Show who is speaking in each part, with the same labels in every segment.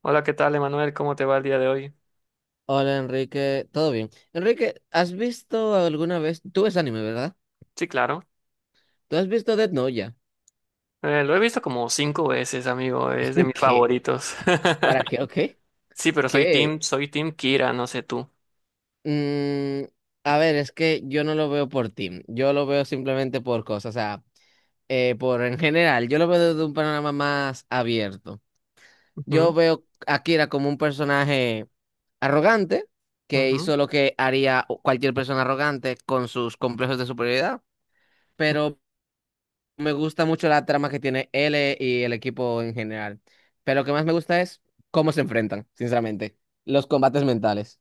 Speaker 1: Hola, ¿qué tal, Emanuel? ¿Cómo te va el día de hoy?
Speaker 2: Hola Enrique, ¿todo bien? Enrique, ¿has visto alguna vez? Tú ves anime, ¿verdad?
Speaker 1: Sí, claro.
Speaker 2: ¿Tú has visto Death Note ya?
Speaker 1: Lo he visto como cinco veces, amigo. Es de mis
Speaker 2: ¿Qué?
Speaker 1: favoritos.
Speaker 2: ¿Para qué? ¿O qué?
Speaker 1: Sí, pero soy
Speaker 2: ¿Qué?
Speaker 1: team, soy team Kira, no sé tú.
Speaker 2: Mm, a ver, es que yo no lo veo por team, yo lo veo simplemente por cosas, o sea, por en general, yo lo veo desde un panorama más abierto. Yo
Speaker 1: Ujú,
Speaker 2: veo a Akira como un personaje arrogante que
Speaker 1: ujú.
Speaker 2: hizo lo que haría cualquier persona arrogante con sus complejos de superioridad. Pero me gusta mucho la trama que tiene L y el equipo en general. Pero lo que más me gusta es cómo se enfrentan, sinceramente. Los combates mentales.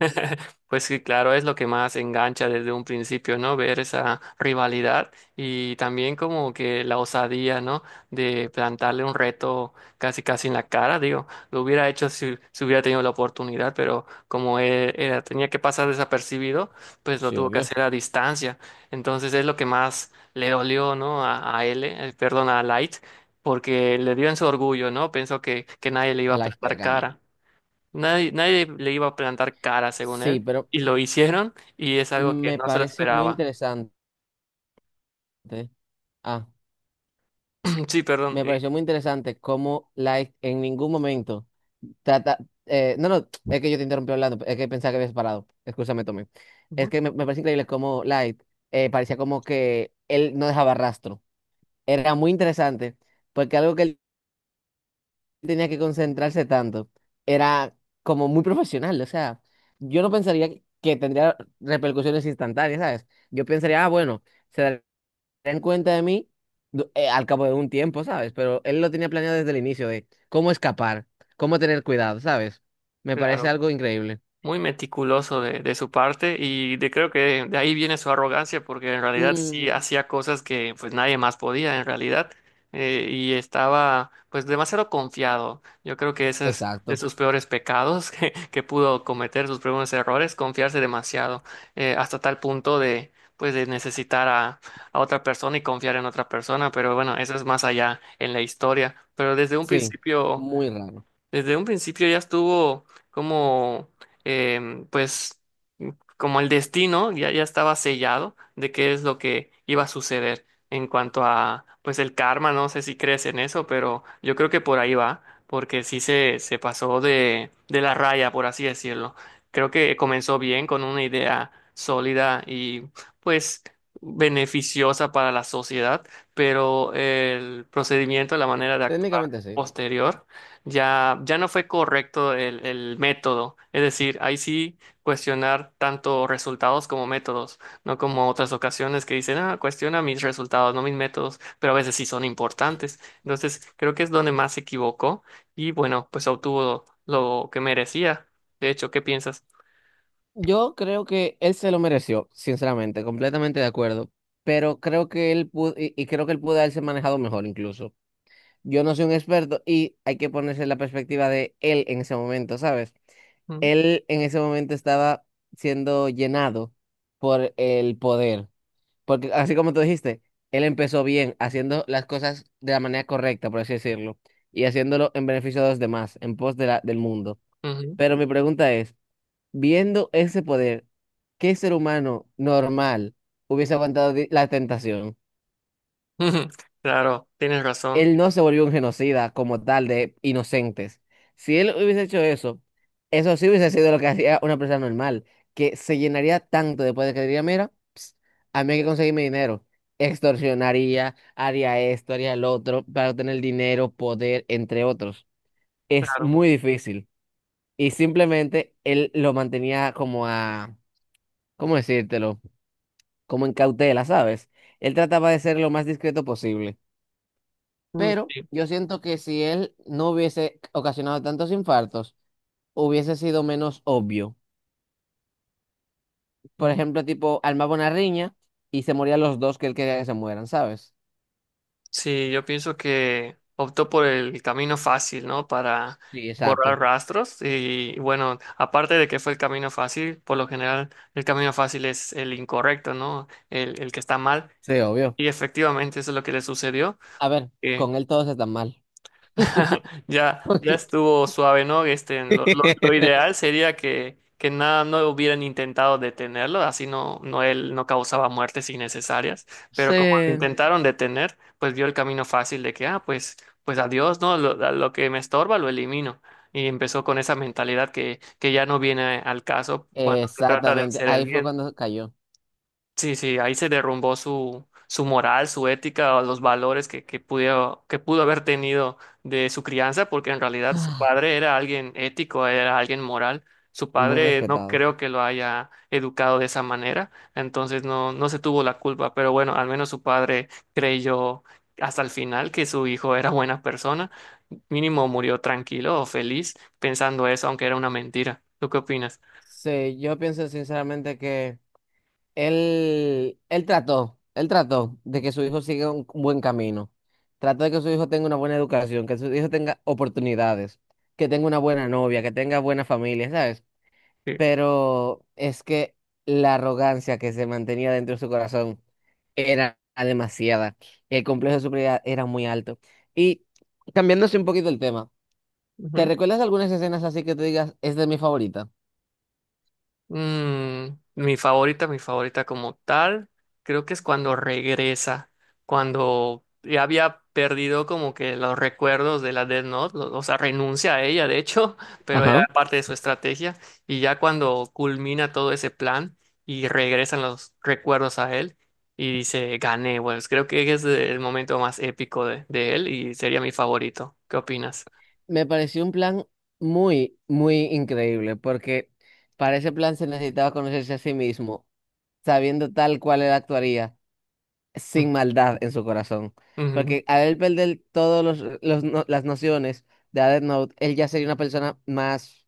Speaker 1: Pues sí, claro, es lo que más engancha desde un principio, ¿no? Ver esa rivalidad y también como que la osadía, ¿no? De plantarle un reto casi casi en la cara, digo, lo hubiera hecho si hubiera tenido la oportunidad, pero como él, tenía que pasar desapercibido, pues lo
Speaker 2: Sí,
Speaker 1: tuvo que
Speaker 2: obvio.
Speaker 1: hacer a distancia. Entonces es lo que más le dolió, ¿no? A L, perdón, a Light, porque le dio en su orgullo, ¿no? Pensó que nadie le iba
Speaker 2: A
Speaker 1: a
Speaker 2: la
Speaker 1: plantar
Speaker 2: Yagami.
Speaker 1: cara. Nadie le iba a plantar cara, según
Speaker 2: Sí,
Speaker 1: él,
Speaker 2: pero
Speaker 1: y lo hicieron, y es algo que
Speaker 2: me
Speaker 1: no se lo
Speaker 2: parece muy
Speaker 1: esperaba.
Speaker 2: interesante. Ah,
Speaker 1: Sí, perdón.
Speaker 2: me pareció muy interesante cómo Light en ningún momento trata. No, es que yo te interrumpí hablando, es que pensaba que habías parado. Excúsame, Tommy. Es
Speaker 1: Ujú,
Speaker 2: que me parece increíble cómo Light parecía como que él no dejaba rastro. Era muy interesante, porque algo que él tenía que concentrarse tanto. Era como muy profesional, o sea, yo no pensaría que tendría repercusiones instantáneas, ¿sabes? Yo pensaría, ah, bueno, se darán cuenta de mí al cabo de un tiempo, ¿sabes? Pero él lo tenía planeado desde el inicio de cómo escapar, cómo tener cuidado, ¿sabes? Me parece
Speaker 1: claro.
Speaker 2: algo increíble.
Speaker 1: Muy meticuloso de su parte y de, creo que de ahí viene su arrogancia porque en realidad sí
Speaker 2: Mm,
Speaker 1: hacía cosas que pues nadie más podía en realidad. Y estaba pues demasiado confiado. Yo creo que ese es de
Speaker 2: exacto,
Speaker 1: sus peores pecados que pudo cometer, sus primeros errores, confiarse demasiado. Hasta tal punto de pues de necesitar a otra persona y confiar en otra persona, pero bueno, eso es más allá en la historia, pero desde un
Speaker 2: sí,
Speaker 1: principio
Speaker 2: muy raro.
Speaker 1: desde un principio ya estuvo como, pues, como el destino ya estaba sellado de qué es lo que iba a suceder en cuanto a, pues, el karma. No sé si crees en eso, pero yo creo que por ahí va, porque sí se pasó de la raya, por así decirlo. Creo que comenzó bien con una idea sólida y, pues, beneficiosa para la sociedad, pero el procedimiento, la manera de actuar
Speaker 2: Técnicamente sí.
Speaker 1: posterior ya no fue correcto el método. Es decir, ahí sí cuestionar tanto resultados como métodos, no como otras ocasiones que dicen, ah, cuestiona mis resultados, no mis métodos, pero a veces sí son importantes. Entonces, creo que es donde más se equivocó y bueno, pues obtuvo lo que merecía. De hecho, ¿qué piensas?
Speaker 2: Yo creo que él se lo mereció, sinceramente, completamente de acuerdo. Pero creo que él pudo, y creo que él pudo haberse manejado mejor incluso. Yo no soy un experto y hay que ponerse en la perspectiva de él en ese momento, ¿sabes?
Speaker 1: Mm,
Speaker 2: Él en ese momento estaba siendo llenado por el poder. Porque así como tú dijiste, él empezó bien, haciendo las cosas de la manera correcta, por así decirlo, y haciéndolo en beneficio de los demás, en pos de del mundo.
Speaker 1: ujú.
Speaker 2: Pero mi pregunta es. Viendo ese poder, ¿qué ser humano normal hubiese aguantado la tentación?
Speaker 1: Claro, tienes razón,
Speaker 2: Él no se volvió un genocida como tal de inocentes. Si él hubiese hecho eso, eso sí hubiese sido lo que hacía una persona normal, que se llenaría tanto después de poder que diría, mira, ps, a mí hay que conseguirme dinero. Extorsionaría, haría esto, haría lo otro, para obtener dinero, poder, entre otros. Es
Speaker 1: claro.
Speaker 2: muy difícil. Y simplemente él lo mantenía como a, ¿cómo decírtelo? Como en cautela, ¿sabes? Él trataba de ser lo más discreto posible,
Speaker 1: Mm,
Speaker 2: pero
Speaker 1: sí.
Speaker 2: yo siento que si él no hubiese ocasionado tantos infartos, hubiese sido menos obvio. Por ejemplo, tipo, armaba una riña y se morían los dos que él quería que se mueran, ¿sabes?
Speaker 1: Sí, yo pienso que optó por el camino fácil, ¿no? Para
Speaker 2: Sí,
Speaker 1: borrar
Speaker 2: exacto.
Speaker 1: rastros y bueno, aparte de que fue el camino fácil, por lo general el camino fácil es el incorrecto, ¿no? El que está mal
Speaker 2: Sí, obvio.
Speaker 1: y efectivamente eso es lo que le sucedió.
Speaker 2: A ver, con él todos están mal.
Speaker 1: Ya, ya estuvo suave, ¿no? Este, lo ideal sería que nada, no hubieran intentado detenerlo, así no él no causaba muertes innecesarias, pero como lo
Speaker 2: Sí.
Speaker 1: intentaron detener, pues vio el camino fácil de que, ah, pues, adiós, ¿no? Lo, a lo que me estorba lo elimino. Y empezó con esa mentalidad que ya no viene al caso cuando se trata de
Speaker 2: Exactamente,
Speaker 1: hacer el
Speaker 2: ahí fue
Speaker 1: bien.
Speaker 2: cuando cayó.
Speaker 1: Sí, sí, ahí se derrumbó su moral, su ética, o los valores que pudo haber tenido de su crianza, porque en realidad su padre era alguien ético, era alguien moral. Su
Speaker 2: Muy
Speaker 1: padre no
Speaker 2: respetado.
Speaker 1: creo que lo haya educado de esa manera, entonces no se tuvo la culpa, pero bueno, al menos su padre creyó hasta el final que su hijo era buena persona. Mínimo murió tranquilo o feliz pensando eso, aunque era una mentira. ¿Tú qué opinas?
Speaker 2: Sí, yo pienso sinceramente que... Él trató, él trató de que su hijo siga un buen camino. Trató de que su hijo tenga una buena educación, que su hijo tenga oportunidades, que tenga una buena novia, que tenga buena familia, ¿sabes? Pero es que la arrogancia que se mantenía dentro de su corazón era demasiada. El complejo de superioridad era muy alto. Y cambiándose un poquito el tema, ¿te
Speaker 1: Sí.
Speaker 2: recuerdas de algunas escenas así que te digas, es de mi favorita?
Speaker 1: Mm, mi favorita como tal, creo que es cuando regresa, cuando ya había perdido como que los recuerdos de la Death Note, o sea, renuncia a ella, de hecho, pero era parte de su estrategia, y ya cuando culmina todo ese plan y regresan los recuerdos a él y dice, gané, pues creo que es el momento más épico de él y sería mi favorito. ¿Qué opinas?
Speaker 2: Me pareció un plan muy, muy increíble, porque para ese plan se necesitaba conocerse a sí mismo, sabiendo tal cual él actuaría,
Speaker 1: Mm,
Speaker 2: sin maldad en su corazón.
Speaker 1: ujú,
Speaker 2: Porque al él perder todas los no- las nociones de Death Note, él ya sería una persona más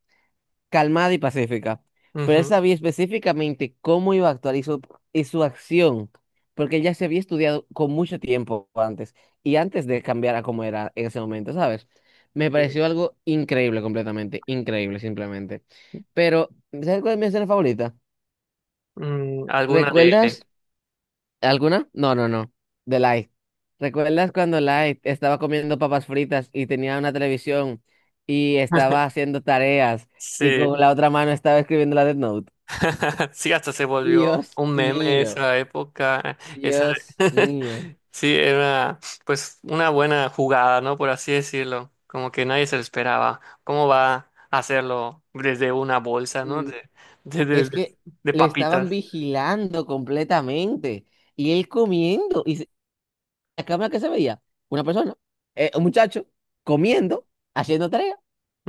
Speaker 2: calmada y pacífica, pero él
Speaker 1: ujú,
Speaker 2: sabía específicamente cómo iba a actuar y y su acción, porque él ya se había estudiado con mucho tiempo antes y antes de cambiar a cómo era en ese momento, ¿sabes? Me
Speaker 1: sí.
Speaker 2: pareció algo increíble completamente, increíble simplemente. Pero, ¿sabes cuál es mi escena favorita?
Speaker 1: Mm, ¿alguna de
Speaker 2: ¿Recuerdas
Speaker 1: él?
Speaker 2: alguna? No, no, no, de Light. ¿Recuerdas cuando Light estaba comiendo papas fritas y tenía una televisión y estaba haciendo tareas y con
Speaker 1: Sí.
Speaker 2: la otra mano estaba escribiendo la Death Note?
Speaker 1: Sí, hasta se volvió
Speaker 2: Dios
Speaker 1: un meme
Speaker 2: mío,
Speaker 1: esa época. Esa...
Speaker 2: Dios mío.
Speaker 1: Sí, era pues una buena jugada, ¿no? Por así decirlo. Como que nadie se lo esperaba. ¿Cómo va a hacerlo desde una bolsa, ¿no?
Speaker 2: Mm,
Speaker 1: De,
Speaker 2: es
Speaker 1: de-
Speaker 2: que
Speaker 1: de
Speaker 2: le estaban
Speaker 1: papitas.
Speaker 2: vigilando completamente y él comiendo. ¿Y la cámara que se veía? Una persona, un muchacho, comiendo, haciendo tarea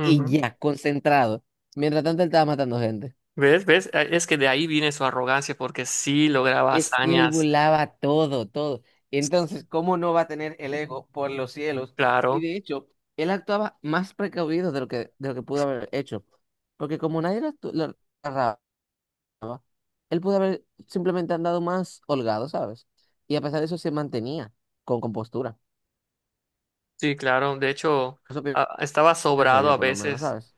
Speaker 2: y ya, concentrado. Mientras tanto, él estaba matando gente.
Speaker 1: ¿Ves? ¿Ves? Es que de ahí viene su arrogancia porque sí lograba
Speaker 2: Es que él
Speaker 1: hazañas.
Speaker 2: volaba todo, todo. Entonces, ¿cómo no va a tener el ego por los cielos? Y
Speaker 1: Claro,
Speaker 2: de hecho, él actuaba más precavido de lo que pudo haber hecho. Porque como nadie lo agarraba, funcionaba, él pudo haber simplemente andado más holgado, ¿sabes? Y a pesar de eso se mantenía con compostura.
Speaker 1: sí, claro. De hecho,
Speaker 2: Eso pi-
Speaker 1: ah, estaba
Speaker 2: Pienso
Speaker 1: sobrado
Speaker 2: yo,
Speaker 1: a
Speaker 2: por lo menos,
Speaker 1: veces.
Speaker 2: ¿sabes?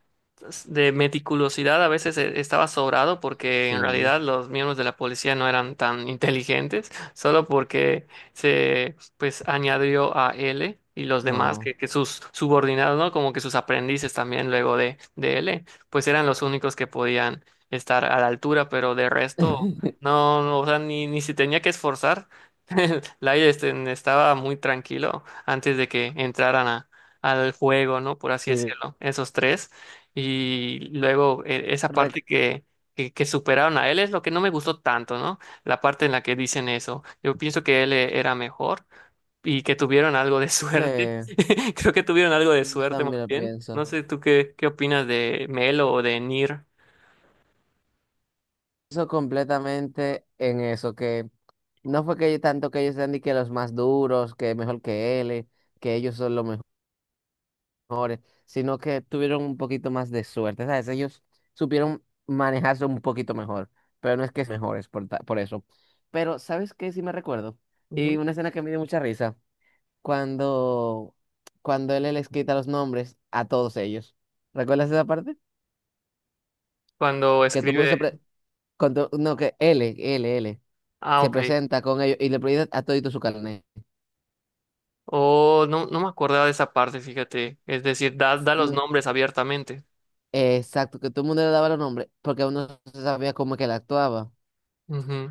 Speaker 1: De meticulosidad a veces estaba sobrado porque en
Speaker 2: Sí,
Speaker 1: realidad los miembros de la policía no eran tan inteligentes, solo porque se pues añadió a L y los demás
Speaker 2: no.
Speaker 1: que sus subordinados, ¿no? Como que sus aprendices también luego de L, pues eran los únicos que podían estar a la altura, pero de resto no, o sea, ni se tenía que esforzar. Light estaba muy tranquilo antes de que entraran al juego, ¿no? Por así
Speaker 2: Sí,
Speaker 1: decirlo, esos tres. Y luego esa
Speaker 2: re-
Speaker 1: parte que, que superaron a él es lo que no me gustó tanto, ¿no? La parte en la que dicen eso. Yo pienso que él era mejor y que tuvieron algo de suerte.
Speaker 2: sí,
Speaker 1: Creo que tuvieron algo de
Speaker 2: yo
Speaker 1: suerte más
Speaker 2: también lo
Speaker 1: bien.
Speaker 2: pienso.
Speaker 1: No sé tú qué opinas de Melo o de Nir.
Speaker 2: Eso completamente en eso, que no fue que tanto que ellos sean ni que los más duros, que mejor que él, que ellos son los mejores. Mejores, sino que tuvieron un poquito más de suerte, ¿sabes? Ellos supieron manejarse un poquito mejor, pero no es que es mejores por, por eso. Pero, ¿sabes qué? Sí me recuerdo. Y
Speaker 1: Ujú.
Speaker 2: una escena que me dio mucha risa, cuando, cuando él les quita los nombres a todos ellos. ¿Recuerdas esa parte?
Speaker 1: Cuando
Speaker 2: Que todo el mundo se
Speaker 1: escribe.
Speaker 2: pre- con to- no, que L
Speaker 1: Ah,
Speaker 2: se
Speaker 1: ok.
Speaker 2: presenta con ellos y le pide a todito su carnet.
Speaker 1: O no, no me acordaba de esa parte, fíjate. Es decir, da los
Speaker 2: Mm,
Speaker 1: nombres abiertamente.
Speaker 2: exacto, que todo el mundo le daba los nombres porque uno no se sabía cómo que él actuaba.
Speaker 1: Ujú.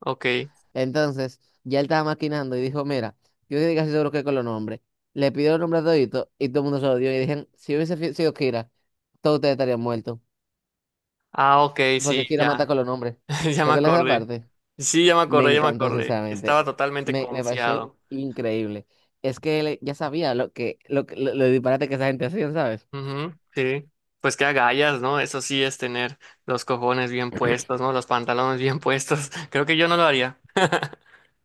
Speaker 1: Ok.
Speaker 2: Entonces, ya él estaba maquinando y dijo, mira, yo estoy casi seguro que con los nombres. Le pidió los nombres a todito y todo el mundo se lo dio. Y dijeron, si hubiese sido Kira, todos ustedes estarían muertos.
Speaker 1: Ah, ok, sí,
Speaker 2: Porque Kira mata
Speaker 1: ya.
Speaker 2: con los nombres.
Speaker 1: Ya me
Speaker 2: ¿Recuerdas esa
Speaker 1: acordé.
Speaker 2: parte?
Speaker 1: Sí, ya me
Speaker 2: Me
Speaker 1: acordé, ya me, sí,
Speaker 2: encantó,
Speaker 1: acordé.
Speaker 2: sinceramente.
Speaker 1: Estaba totalmente
Speaker 2: Me pareció
Speaker 1: confiado.
Speaker 2: increíble. Es que él ya sabía lo disparate que esa gente hacía, ¿sabes?
Speaker 1: Ujú, sí. Pues qué agallas, ¿no? Eso sí es tener los cojones bien puestos, ¿no? Los pantalones bien puestos. Creo que yo no lo haría.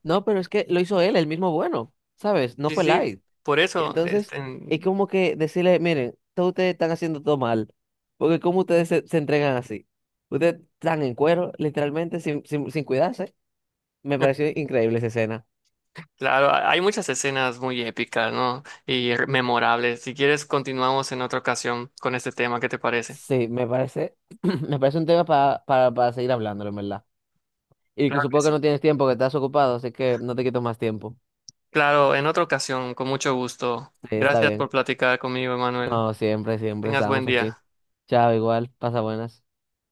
Speaker 2: No, pero es que lo hizo él, el mismo bueno, ¿sabes? No
Speaker 1: Sí,
Speaker 2: fue
Speaker 1: sí.
Speaker 2: Light.
Speaker 1: Por eso, este,
Speaker 2: Entonces, es como que decirle, miren, todos ustedes están haciendo todo mal, porque como ustedes se entregan así? Ustedes están en cuero, literalmente, sin cuidarse. Me pareció increíble esa escena.
Speaker 1: claro, hay muchas escenas muy épicas, ¿no? Y memorables. Si quieres, continuamos en otra ocasión con este tema. ¿Qué te parece?
Speaker 2: Sí, me parece, me parece un tema para, para seguir hablándolo, en verdad. Y que
Speaker 1: Claro que
Speaker 2: supongo que
Speaker 1: sí.
Speaker 2: no tienes tiempo, que estás ocupado, así que no te quito más tiempo.
Speaker 1: Claro, en otra ocasión, con mucho gusto.
Speaker 2: Sí, está
Speaker 1: Gracias por
Speaker 2: bien.
Speaker 1: platicar conmigo, Emanuel.
Speaker 2: No, siempre, siempre
Speaker 1: Tengas buen
Speaker 2: estamos aquí.
Speaker 1: día.
Speaker 2: Chao, igual, pasa buenas.